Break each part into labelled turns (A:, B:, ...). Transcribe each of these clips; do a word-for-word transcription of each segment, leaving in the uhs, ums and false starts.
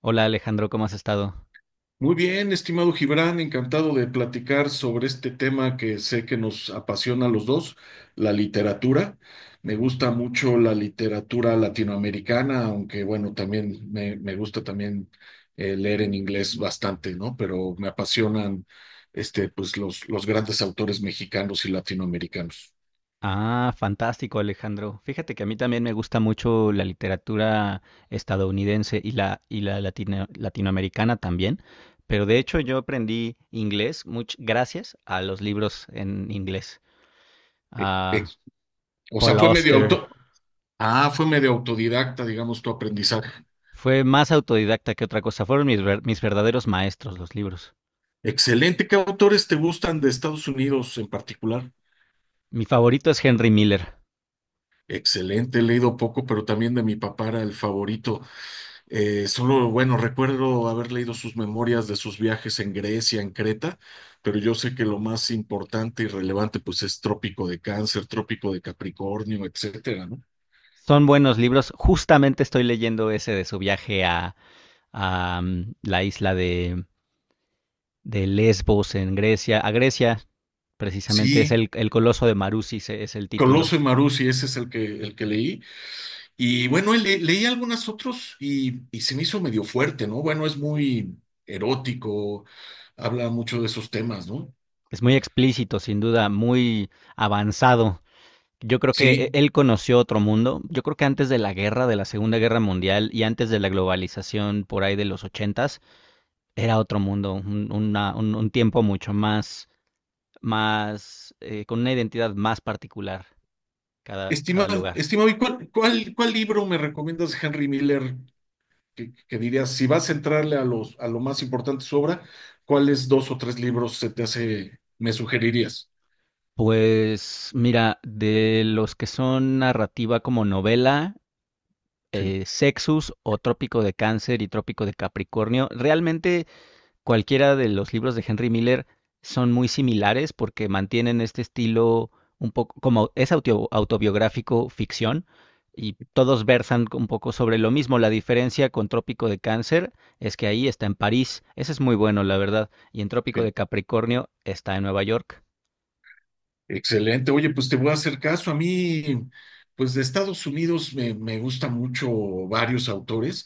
A: Hola Alejandro, ¿cómo has estado?
B: Muy bien, estimado Gibran, encantado de platicar sobre este tema que sé que nos apasiona a los dos, la literatura. Me gusta mucho la literatura latinoamericana, aunque bueno, también me, me gusta también eh, leer en inglés bastante, ¿no? Pero me apasionan este, pues, los, los grandes autores mexicanos y latinoamericanos.
A: Ah, fantástico Alejandro. Fíjate que a mí también me gusta mucho la literatura estadounidense y la, y la latino- latinoamericana también, pero de hecho yo aprendí inglés much- gracias a los libros en inglés,
B: Eh,
A: a
B: ex- O sea,
A: Paul
B: fue medio
A: Auster.
B: auto. Ah, fue medio autodidacta, digamos, tu aprendizaje.
A: Fue más autodidacta que otra cosa, fueron mis, ver- mis verdaderos maestros los libros.
B: Excelente. ¿Qué autores te gustan de Estados Unidos en particular?
A: Mi favorito es Henry Miller.
B: Excelente, he leído poco, pero también de mi papá era el favorito. Eh, solo, bueno, recuerdo haber leído sus memorias de sus viajes en Grecia, en Creta, pero yo sé que lo más importante y relevante, pues, es Trópico de Cáncer, Trópico de Capricornio, etcétera, ¿no?
A: Son buenos libros, justamente estoy leyendo ese de su viaje a, a mm, la isla de... de Lesbos en Grecia, a Grecia, precisamente es
B: Sí,
A: el, el Coloso de Marusis, e- es el título.
B: Coloso y Maruzzi, ese es el que, el que leí. Y bueno, le- leí algunas otros y, y se me hizo medio fuerte, ¿no? Bueno, es muy erótico, habla mucho de esos temas, ¿no?
A: Es muy explícito, sin duda, muy avanzado. Yo creo que e-
B: Sí.
A: él conoció otro mundo. Yo creo que antes de la guerra, de la Segunda Guerra Mundial y antes de la globalización por ahí de los ochentas, era otro mundo, un, una, un, un tiempo mucho más, más, eh, con una identidad más particular cada, cada
B: Estimado,
A: lugar.
B: estimado, ¿y cuál, cuál, cuál libro me recomiendas de Henry Miller que, que dirías, si vas a entrarle a los, a lo más importante de su obra, ¿cuáles dos o tres libros se te hace, me sugerirías?
A: Pues mira, de los que son narrativa como novela,
B: Sí,
A: eh, Sexus o Trópico de Cáncer y Trópico de Capricornio. Realmente cualquiera de los libros de Henry Miller son muy similares porque mantienen este estilo un poco como es auto- autobiográfico ficción y todos versan un poco sobre lo mismo. La diferencia con Trópico de Cáncer es que ahí está en París, ese es muy bueno, la verdad, y en Trópico
B: sí.
A: de Capricornio está en Nueva York.
B: Excelente. Oye, pues te voy a hacer caso. A mí, pues de Estados Unidos me, me gusta mucho varios autores.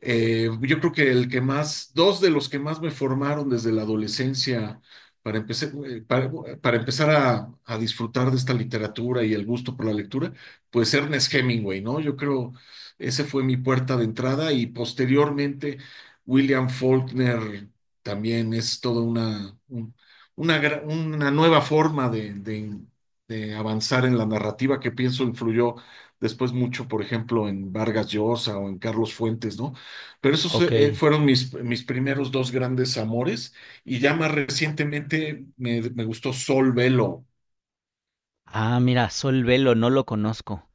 B: Eh, yo creo que el que más, dos de los que más me formaron desde la adolescencia para, empecé- eh, para, para empezar a, a disfrutar de esta literatura y el gusto por la lectura, pues Ernest Hemingway, ¿no? Yo creo, ese fue mi puerta de entrada y posteriormente William Faulkner también es toda una, un- una, gra- una nueva forma de, de, de avanzar en la narrativa que pienso influyó después mucho, por ejemplo, en Vargas Llosa o en Carlos Fuentes, ¿no? Pero esos
A: Ok.
B: eh, fueron mis, mis primeros dos grandes amores y ya más recientemente me, me gustó Sol Velo.
A: Ah, mira, Sol Velo, no lo conozco.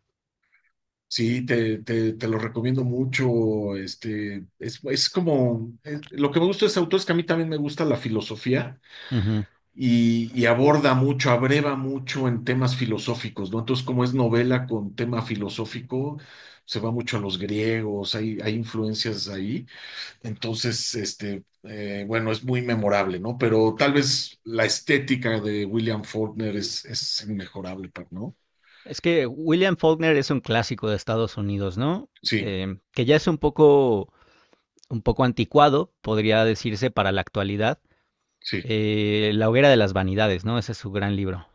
B: Sí, te, te, te lo recomiendo mucho. Este, es, es como, es- lo que me gusta de ese autor es que a mí también me gusta la filosofía
A: Ujú.
B: y, y aborda mucho, abreva mucho en temas filosóficos, ¿no? Entonces, como es novela con tema filosófico, se va mucho a los griegos, hay, hay influencias ahí. Entonces, este, eh, bueno, es muy memorable, ¿no? Pero tal vez la estética de William Faulkner es, es inmejorable, pa- ¿no?
A: Es que William Faulkner es un clásico de Estados Unidos, ¿no?
B: Sí,
A: Eh, que ya es un poco, un poco anticuado, podría decirse, para la actualidad.
B: sí.
A: Eh, La hoguera de las vanidades, ¿no? Ese es su gran libro.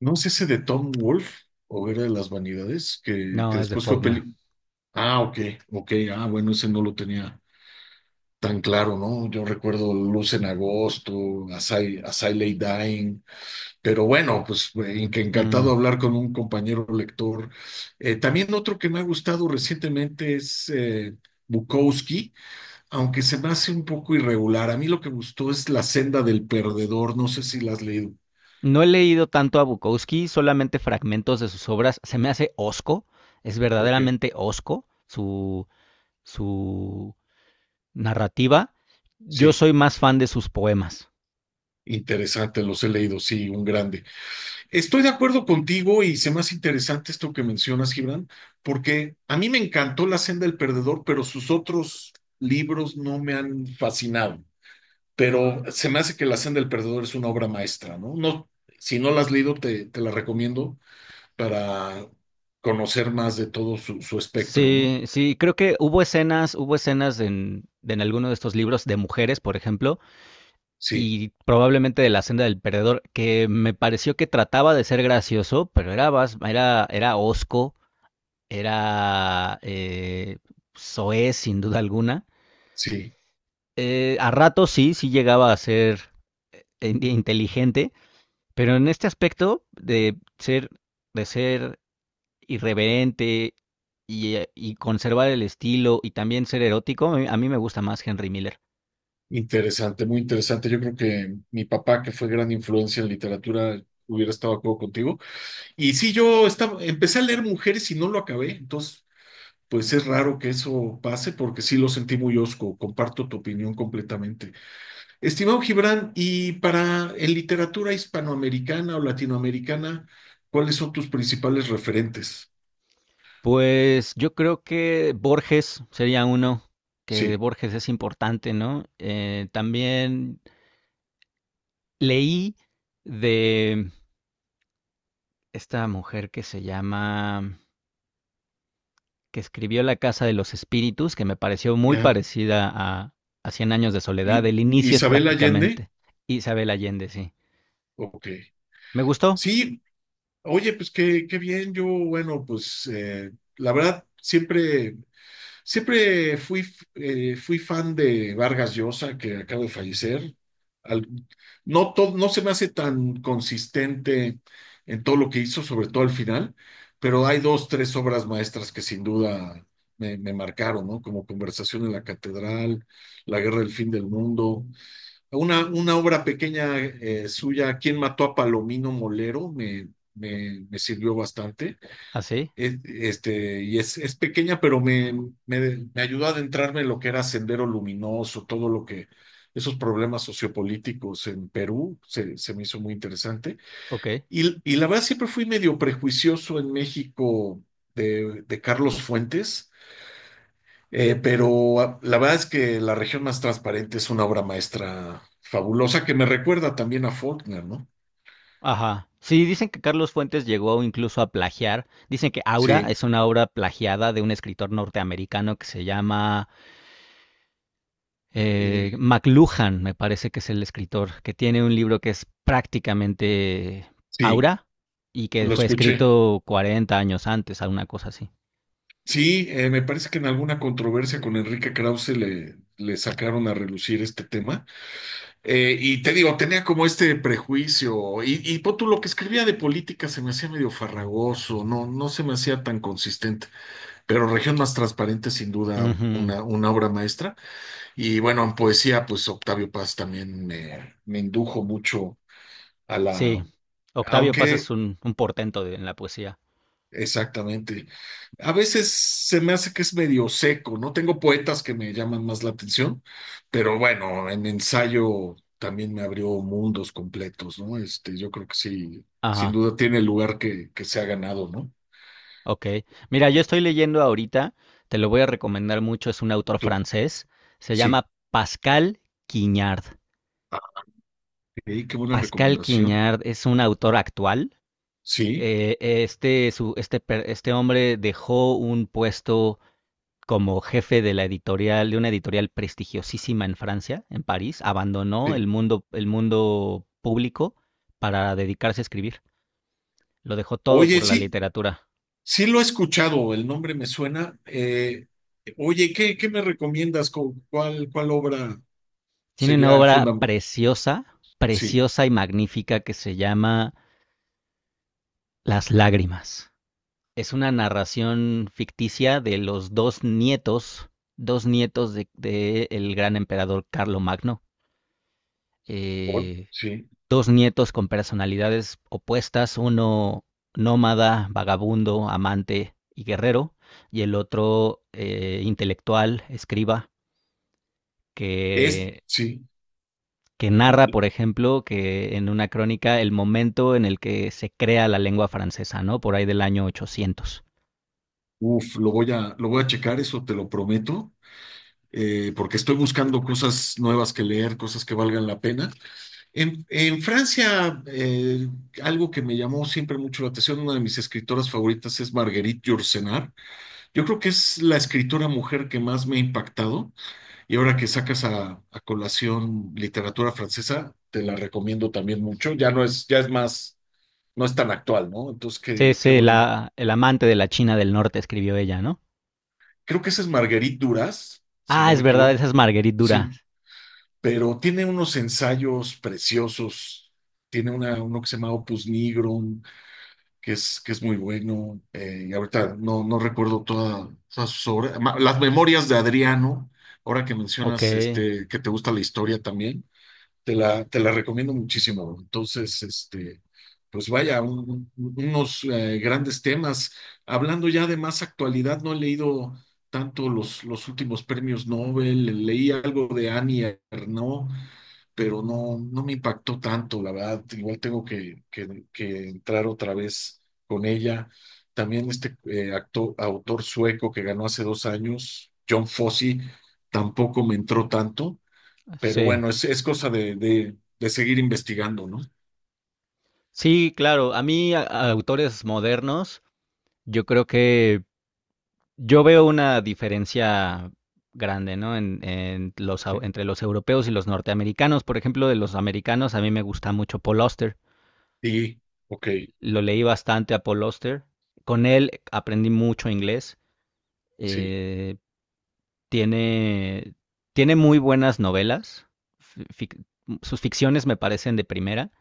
B: ¿No es ese de Tom Wolfe o era de las vanidades que,
A: No,
B: que
A: es de
B: después fue
A: Faulkner.
B: peli? Ah, ok, ok, ah, bueno, ese no lo tenía tan claro, ¿no? Yo recuerdo Luz en Agosto, As I, As I Lay Dying. Pero bueno, pues eh, que
A: Mm.
B: encantado hablar con un compañero lector. Eh, también otro que me ha gustado recientemente es eh, Bukowski, aunque se me hace un poco irregular. A mí lo que gustó es La senda del perdedor. No sé si la has leído.
A: No he leído tanto a Bukowski, solamente fragmentos de sus obras. Se me hace osco, es
B: Ok,
A: verdaderamente osco su, su narrativa. Yo
B: sí,
A: soy más fan de sus poemas.
B: interesante, los he leído, sí, un grande. Estoy de acuerdo contigo y se me hace interesante esto que mencionas, Gibran, porque a mí me encantó La senda del perdedor, pero sus otros libros no me han fascinado. Pero se me hace que La Senda del Perdedor es una obra maestra, ¿no? No, si no la has leído, te, te la recomiendo para conocer más de todo su, su espectro, ¿no?
A: Sí, sí, creo que hubo escenas, hubo escenas en, en alguno de estos libros de mujeres, por ejemplo,
B: Sí,
A: y probablemente de La senda del perdedor, que me pareció que trataba de ser gracioso, pero era, bas- era, era hosco, era eh, soez, sin duda alguna.
B: sí,
A: Eh, a ratos sí, sí llegaba a ser in- inteligente, pero en este aspecto de ser, de ser irreverente y, eh, y conservar el estilo y también ser erótico, a mí, a mí me gusta más Henry Miller.
B: interesante, muy interesante. Yo creo que mi papá, que fue gran influencia en literatura, hubiera estado de acuerdo contigo. Y sí, yo estaba, empecé a leer Mujeres y no lo acabé, entonces. Pues es raro que eso pase porque sí lo sentí muy osco. Comparto tu opinión completamente. Estimado Gibran, y para en literatura hispanoamericana o latinoamericana, ¿cuáles son tus principales referentes?
A: Pues yo creo que Borges sería uno, que
B: Sí,
A: Borges es importante, ¿no? Eh, también leí de esta mujer que se llama, que escribió La Casa de los Espíritus, que me pareció muy
B: ya.
A: parecida a, a Cien Años de Soledad,
B: ¿Y
A: el inicio es
B: Isabel Allende?
A: prácticamente Isabel Allende, sí.
B: Ok.
A: Me gustó,
B: Sí, oye, pues qué, qué bien. Yo, bueno, pues eh, la verdad, siempre siempre fui, eh, fui fan de Vargas Llosa, que acaba de fallecer. Al- no, to- no se me hace tan consistente en todo lo que hizo, sobre todo al final, pero hay dos, tres obras maestras que sin duda me, me marcaron, ¿no? Como Conversación en la Catedral, La Guerra del Fin del Mundo. Una, una obra pequeña eh, suya, ¿Quién mató a Palomino Molero? Me, me, me sirvió bastante.
A: así,
B: Es- Este, y es, es pequeña, pero me, me, me ayudó a adentrarme en lo que era Sendero Luminoso, todo lo que, esos problemas sociopolíticos en Perú, se, se me hizo muy interesante.
A: ok.
B: Y, y la verdad siempre fui medio prejuicioso en México de, de Carlos Fuentes, eh, pero ah, la verdad es que La región más transparente es una obra maestra fabulosa que me recuerda también a Faulkner, ¿no?
A: Ajá. Sí, dicen que Carlos Fuentes llegó incluso a plagiar. Dicen que Aura
B: Sí,
A: es una obra plagiada de un escritor norteamericano que se llama eh,
B: eh,
A: McLuhan, me parece que es el escritor, que tiene un libro que es prácticamente
B: sí,
A: Aura y que
B: lo
A: fue
B: escuché.
A: escrito cuarenta años antes, alguna cosa así.
B: Sí, eh, me parece que en alguna controversia con Enrique Krause le, le sacaron a relucir este tema. Eh, y te digo, tenía como este prejuicio. Y, y pon tú, lo que escribía de política se me hacía medio farragoso, no, no se me hacía tan consistente. Pero Región Más Transparente, sin duda,
A: Ujú.
B: una, una obra maestra. Y bueno, en poesía, pues Octavio Paz también me, me indujo mucho a
A: Sí,
B: la.
A: Octavio Paz es
B: Aunque
A: un, un portento de- en la poesía.
B: exactamente. A veces se me hace que es medio seco, ¿no? Tengo poetas que me llaman más la atención, pero bueno, en ensayo también me abrió mundos completos, ¿no? Este, yo creo que sí, sin
A: Ajá.
B: duda tiene el lugar que, que se ha ganado, ¿no?
A: Ok. Mira, yo estoy leyendo ahorita, te lo voy a recomendar mucho, es un autor
B: Tú-
A: francés, se
B: Sí.
A: llama Pascal Quignard.
B: Ah, ok, qué buena
A: Pascal
B: recomendación.
A: Quignard es un autor actual.
B: Sí,
A: Eh, este, su- este, per- este hombre dejó un puesto como jefe de la editorial, de una editorial prestigiosísima en Francia, en París, abandonó el
B: sí.
A: mundo, el mundo público para dedicarse a escribir. Lo dejó todo
B: Oye,
A: por la
B: sí,
A: literatura.
B: sí lo he escuchado, el nombre me suena. Eh, oye, ¿qué, qué me recomiendas? ¿Cu- ¿Cuál, cuál obra
A: Tiene una
B: sería
A: obra
B: fundamental?
A: preciosa,
B: Sí,
A: preciosa y magnífica que se llama Las lágrimas. Es una narración ficticia de los dos nietos, dos nietos del de, el gran emperador Carlo Magno.
B: por-
A: Eh,
B: sí.
A: Dos nietos con personalidades opuestas, uno nómada, vagabundo, amante y guerrero, y el otro eh, intelectual, escriba,
B: Es,
A: que
B: sí,
A: que narra, por ejemplo, que en una crónica el momento en el que se crea la lengua francesa, ¿no? Por ahí del año ochocientos.
B: uf, lo voy a, lo voy a checar, eso te lo prometo, eh, porque estoy buscando cosas nuevas que leer, cosas que valgan la pena. En, en Francia, eh, algo que me llamó siempre mucho la atención, una de mis escritoras favoritas es Marguerite Yourcenar. Yo creo que es la escritora mujer que más me ha impactado, y ahora que sacas a, a colación literatura francesa, te la recomiendo también mucho. Ya no es, ya es más, no es tan actual, ¿no? Entonces, qué,
A: Es
B: qué bueno
A: la, el amante de la China del Norte, escribió ella, ¿no?
B: creo que ese es Marguerite Duras, si
A: Ah,
B: no
A: es
B: me
A: verdad,
B: equivoco.
A: esa es Marguerite
B: Sí,
A: Duras.
B: pero tiene unos ensayos preciosos. Tiene una, uno que se llama Opus Nigrum, que es, que es muy bueno. Eh, y ahorita no, no recuerdo toda- todas sus obras. Ma- Las Memorias de Adriano, ahora que
A: Ok,
B: mencionas este, que te gusta la historia también. Te la, te la recomiendo muchísimo. Entonces, este, pues vaya, un- un- unos eh, grandes temas. Hablando ya de más actualidad, no he leído tanto los, los últimos premios Nobel. Leí algo de Annie Ernaux, pero no, no me impactó tanto, la verdad. Igual tengo que, que, que entrar otra vez con ella. También este eh, acto- autor sueco que ganó hace dos años, John Fosse, tampoco me entró tanto. Pero
A: sí.
B: bueno, es, es cosa de, de, de seguir investigando, ¿no?
A: Sí, claro, a mí a- a autores modernos, yo creo que yo veo una diferencia grande, ¿no? En, en los, au- entre los europeos y los norteamericanos. Por ejemplo, de los americanos, a mí me gusta mucho Paul Auster.
B: Sí, ok,
A: Lo leí bastante a Paul Auster. Con él aprendí mucho inglés.
B: sí,
A: Eh, Tiene, tiene muy buenas novelas. Fic- Sus ficciones me parecen de primera.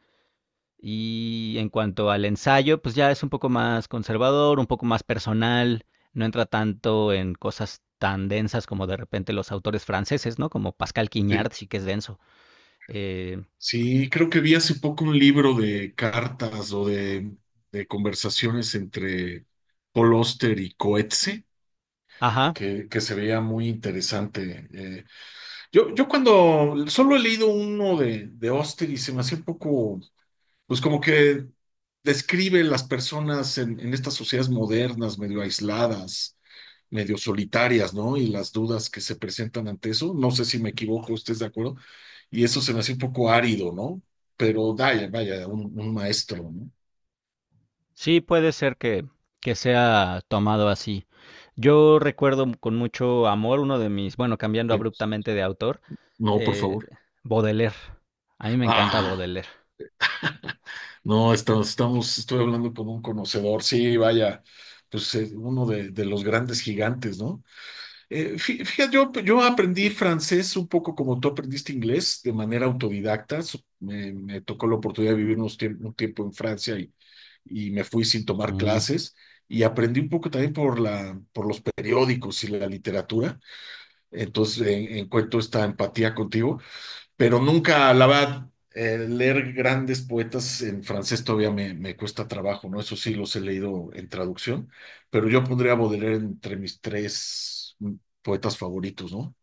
A: Y en cuanto al ensayo, pues ya es un poco más conservador, un poco más personal. No entra tanto en cosas tan densas como de repente los autores franceses, ¿no? Como Pascal Quignard,
B: sí.
A: sí que es denso. Eh,
B: Sí, creo que vi hace poco un libro de cartas o de, de conversaciones entre Paul Auster y Coetzee,
A: ajá.
B: que, que se veía muy interesante. Eh, yo, yo cuando solo he leído uno de, de Auster y se me hacía un poco pues como que describe las personas en, en estas sociedades modernas, medio aisladas, medio solitarias, ¿no? Y las dudas que se presentan ante eso. No sé si me equivoco, ¿usted es de acuerdo? Y eso se me hace un poco árido, ¿no? Pero vaya, vaya, un, un maestro, ¿no?
A: Sí, puede ser que, que sea tomado así. Yo recuerdo m- con mucho amor uno de mis, bueno, cambiando
B: Sí.
A: abruptamente de autor,
B: No, por
A: eh,
B: favor.
A: Baudelaire. A mí me encanta
B: Ah,
A: Baudelaire.
B: no, estamos, estamos, estoy hablando con un conocedor, sí, vaya, pues eh, uno de, de los grandes gigantes, ¿no? Eh, fí- fíjate, yo, yo aprendí francés un poco como tú aprendiste inglés, de manera autodidacta. So- Me, me tocó la oportunidad de vivir unos tiemp- un tiempo en Francia y, y me fui sin tomar
A: Mm.
B: clases. Y aprendí un poco también por la, por los periódicos y la literatura. Entonces, eh, encuentro esta empatía contigo pero nunca, la verdad, eh, leer grandes poetas en francés todavía me, me cuesta trabajo, ¿no? Eso sí, los he leído en traducción, pero yo pondría a Baudelaire entre mis tres mm, poetas favoritos, ¿no?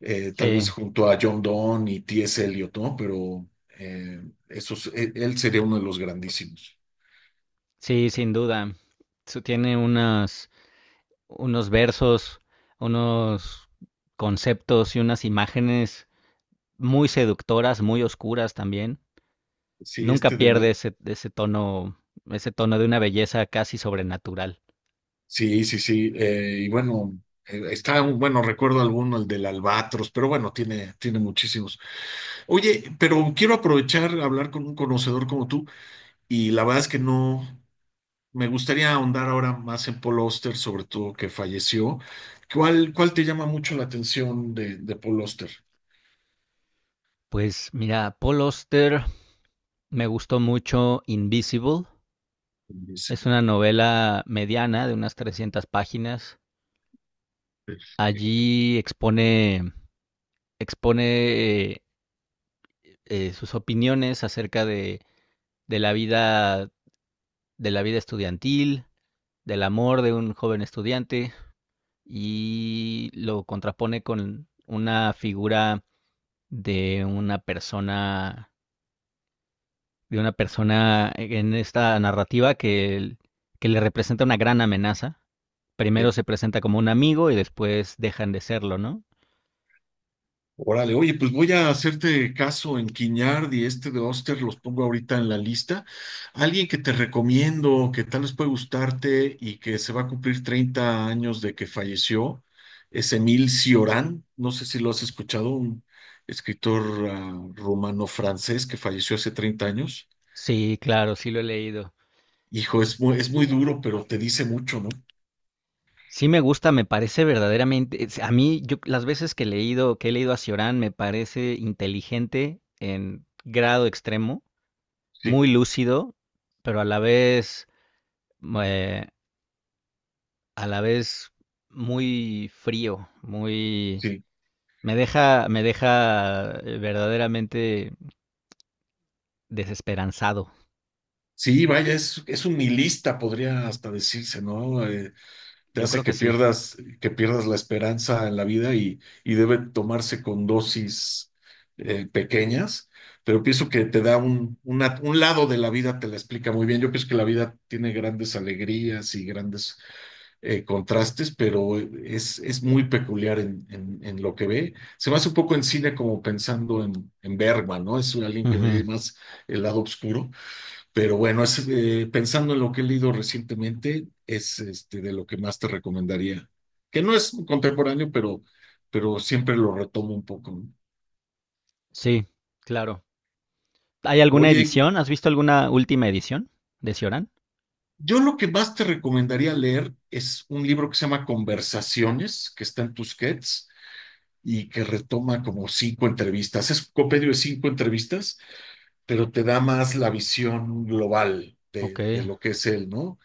B: Eh, tal vez
A: Sí,
B: junto a John Donne y T S. Eliot, ¿no? Pero eh, esos, él, él sería uno de los grandísimos.
A: sí, sin duda. Su- Tiene unas, unos versos, unos conceptos y unas imágenes muy seductoras, muy oscuras también.
B: Sí,
A: Nunca
B: este de
A: pierde
B: la.
A: ese, ese tono, ese tono de una belleza casi sobrenatural.
B: Sí, sí, sí. Eh, y bueno, eh, está, un- bueno, recuerdo alguno, el del Albatros, pero bueno, tiene, tiene muchísimos. Oye, pero quiero aprovechar a hablar con un conocedor como tú y la verdad es que no me gustaría ahondar ahora más en Paul Oster, sobre todo que falleció. ¿Cuál, cuál te llama mucho la atención de, de Paul Oster?
A: Pues mira, Paul Auster, me gustó mucho Invisible.
B: Dice,
A: Es una novela mediana de unas trescientas páginas.
B: eh,
A: Allí expone, Expone eh, eh, sus opiniones acerca de, de la vida, de la vida estudiantil, del amor de un joven estudiante y lo contrapone con una figura de una persona de una persona en esta narrativa que, que le representa una gran amenaza. Primero
B: eh,
A: se presenta como un amigo y después dejan de serlo, ¿no?
B: Órale, oye, pues voy a hacerte caso en Quiñard y este de Oster, los pongo ahorita en la lista. Alguien que te recomiendo, que tal vez puede gustarte y que se va a cumplir treinta años de que falleció, es Emil Cioran. No sé si lo has escuchado, un escritor ah, rumano-francés que falleció hace treinta años.
A: Sí, claro, sí lo he leído.
B: Hijo,
A: En-
B: es muy, es muy duro, pero te dice mucho, ¿no?
A: Sí me gusta, me parece verdaderamente, es- a mí yo las veces que he leído, que he leído a Cioran me parece inteligente en grado extremo,
B: Sí,
A: muy lúcido, pero a la vez eh, a la vez muy frío, muy.
B: sí.
A: Me deja, me deja eh, verdaderamente desesperanzado.
B: Sí, vaya, es, es un nihilista, podría hasta decirse, ¿no? Eh, te
A: Yo
B: hace
A: creo que
B: que
A: sí.
B: pierdas, que pierdas la esperanza en la vida y, y debe tomarse con dosis eh, pequeñas, pero pienso que te da un, una- un lado de la vida, te la explica muy bien. Yo pienso que la vida tiene grandes alegrías y grandes eh, contrastes, pero es, es muy peculiar en, en- en lo que ve. Se me hace un poco en cine como pensando en, en Bergman, ¿no? Es alguien que
A: Ujú,
B: ve más el lado oscuro, pero bueno, es, eh, pensando en lo que he leído recientemente, es este, de lo que más te recomendaría. Que no es contemporáneo, pero, pero siempre lo retomo un poco, ¿no?
A: sí, claro. ¿Hay alguna
B: Oye,
A: edición? ¿Has visto alguna última edición de Cioran?
B: yo lo que más te recomendaría leer es un libro que se llama Conversaciones, que está en Tusquets y que retoma como cinco entrevistas. Es un compendio de cinco entrevistas, pero te da más la visión global
A: Ok,
B: de, de lo que es él, ¿no?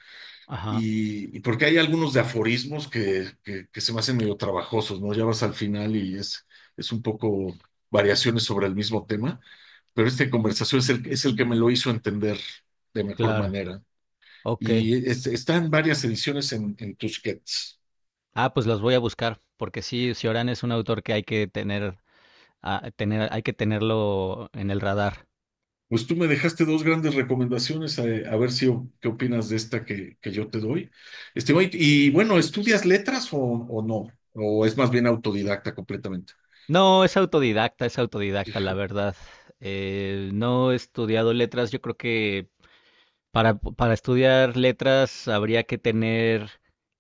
A: ajá,
B: Y, y porque hay algunos de aforismos que, que, que se me hacen medio trabajosos, ¿no? Ya vas al final y es, es un poco variaciones sobre el mismo tema, pero esta conversación es el, es el que me lo hizo entender de mejor
A: claro,
B: manera.
A: ok.
B: Y es- están varias ediciones en, en Tusquets.
A: Ah, pues los voy a buscar, porque sí, Cioran es un autor que hay que tener, ah, tener, hay que tenerlo en el radar.
B: Pues tú me dejaste dos grandes recomendaciones, a, a ver si o- qué opinas de esta que, que yo te doy. Este, oye, y bueno, ¿estudias letras o, o no? ¿O es más bien autodidacta completamente?
A: No, es autodidacta, es autodidacta, la verdad. Eh, no he estudiado letras, yo creo que Para, para estudiar letras habría que tener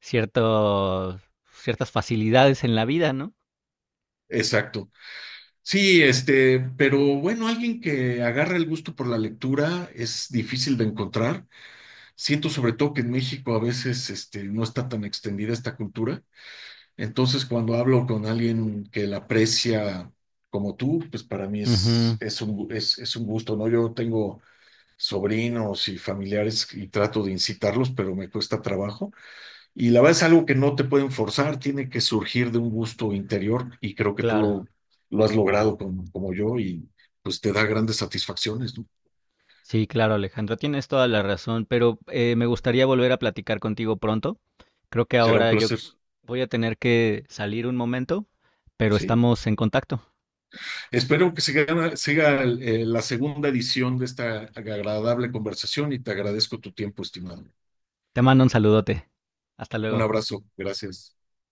A: cierto, ciertas facilidades en la vida, ¿no?
B: Exacto. Sí, este, pero bueno, alguien que agarra el gusto por la lectura es difícil de encontrar. Siento sobre todo que en México a veces, este, no está tan extendida esta cultura. Entonces, cuando hablo con alguien que la aprecia como tú, pues para mí
A: Ujú,
B: es, es un, gu- es, es un gusto, ¿no? Yo tengo sobrinos y familiares y trato de incitarlos, pero me cuesta trabajo. Y la verdad es algo que no te pueden forzar, tiene que surgir de un gusto interior y creo que tú
A: claro.
B: lo, lo has logrado como, como yo y pues te da grandes satisfacciones, ¿no?
A: Sí, claro, Alejandro, tienes toda la razón, pero eh, me gustaría volver a platicar contigo pronto. Creo que
B: Será un
A: ahora yo
B: placer,
A: voy a tener que salir un momento, pero
B: sí.
A: estamos en contacto.
B: Espero que siga, siga eh, la segunda edición de esta agradable conversación y te agradezco tu tiempo, estimado.
A: Te mando un saludote. Hasta
B: Un
A: luego.
B: abrazo, gracias.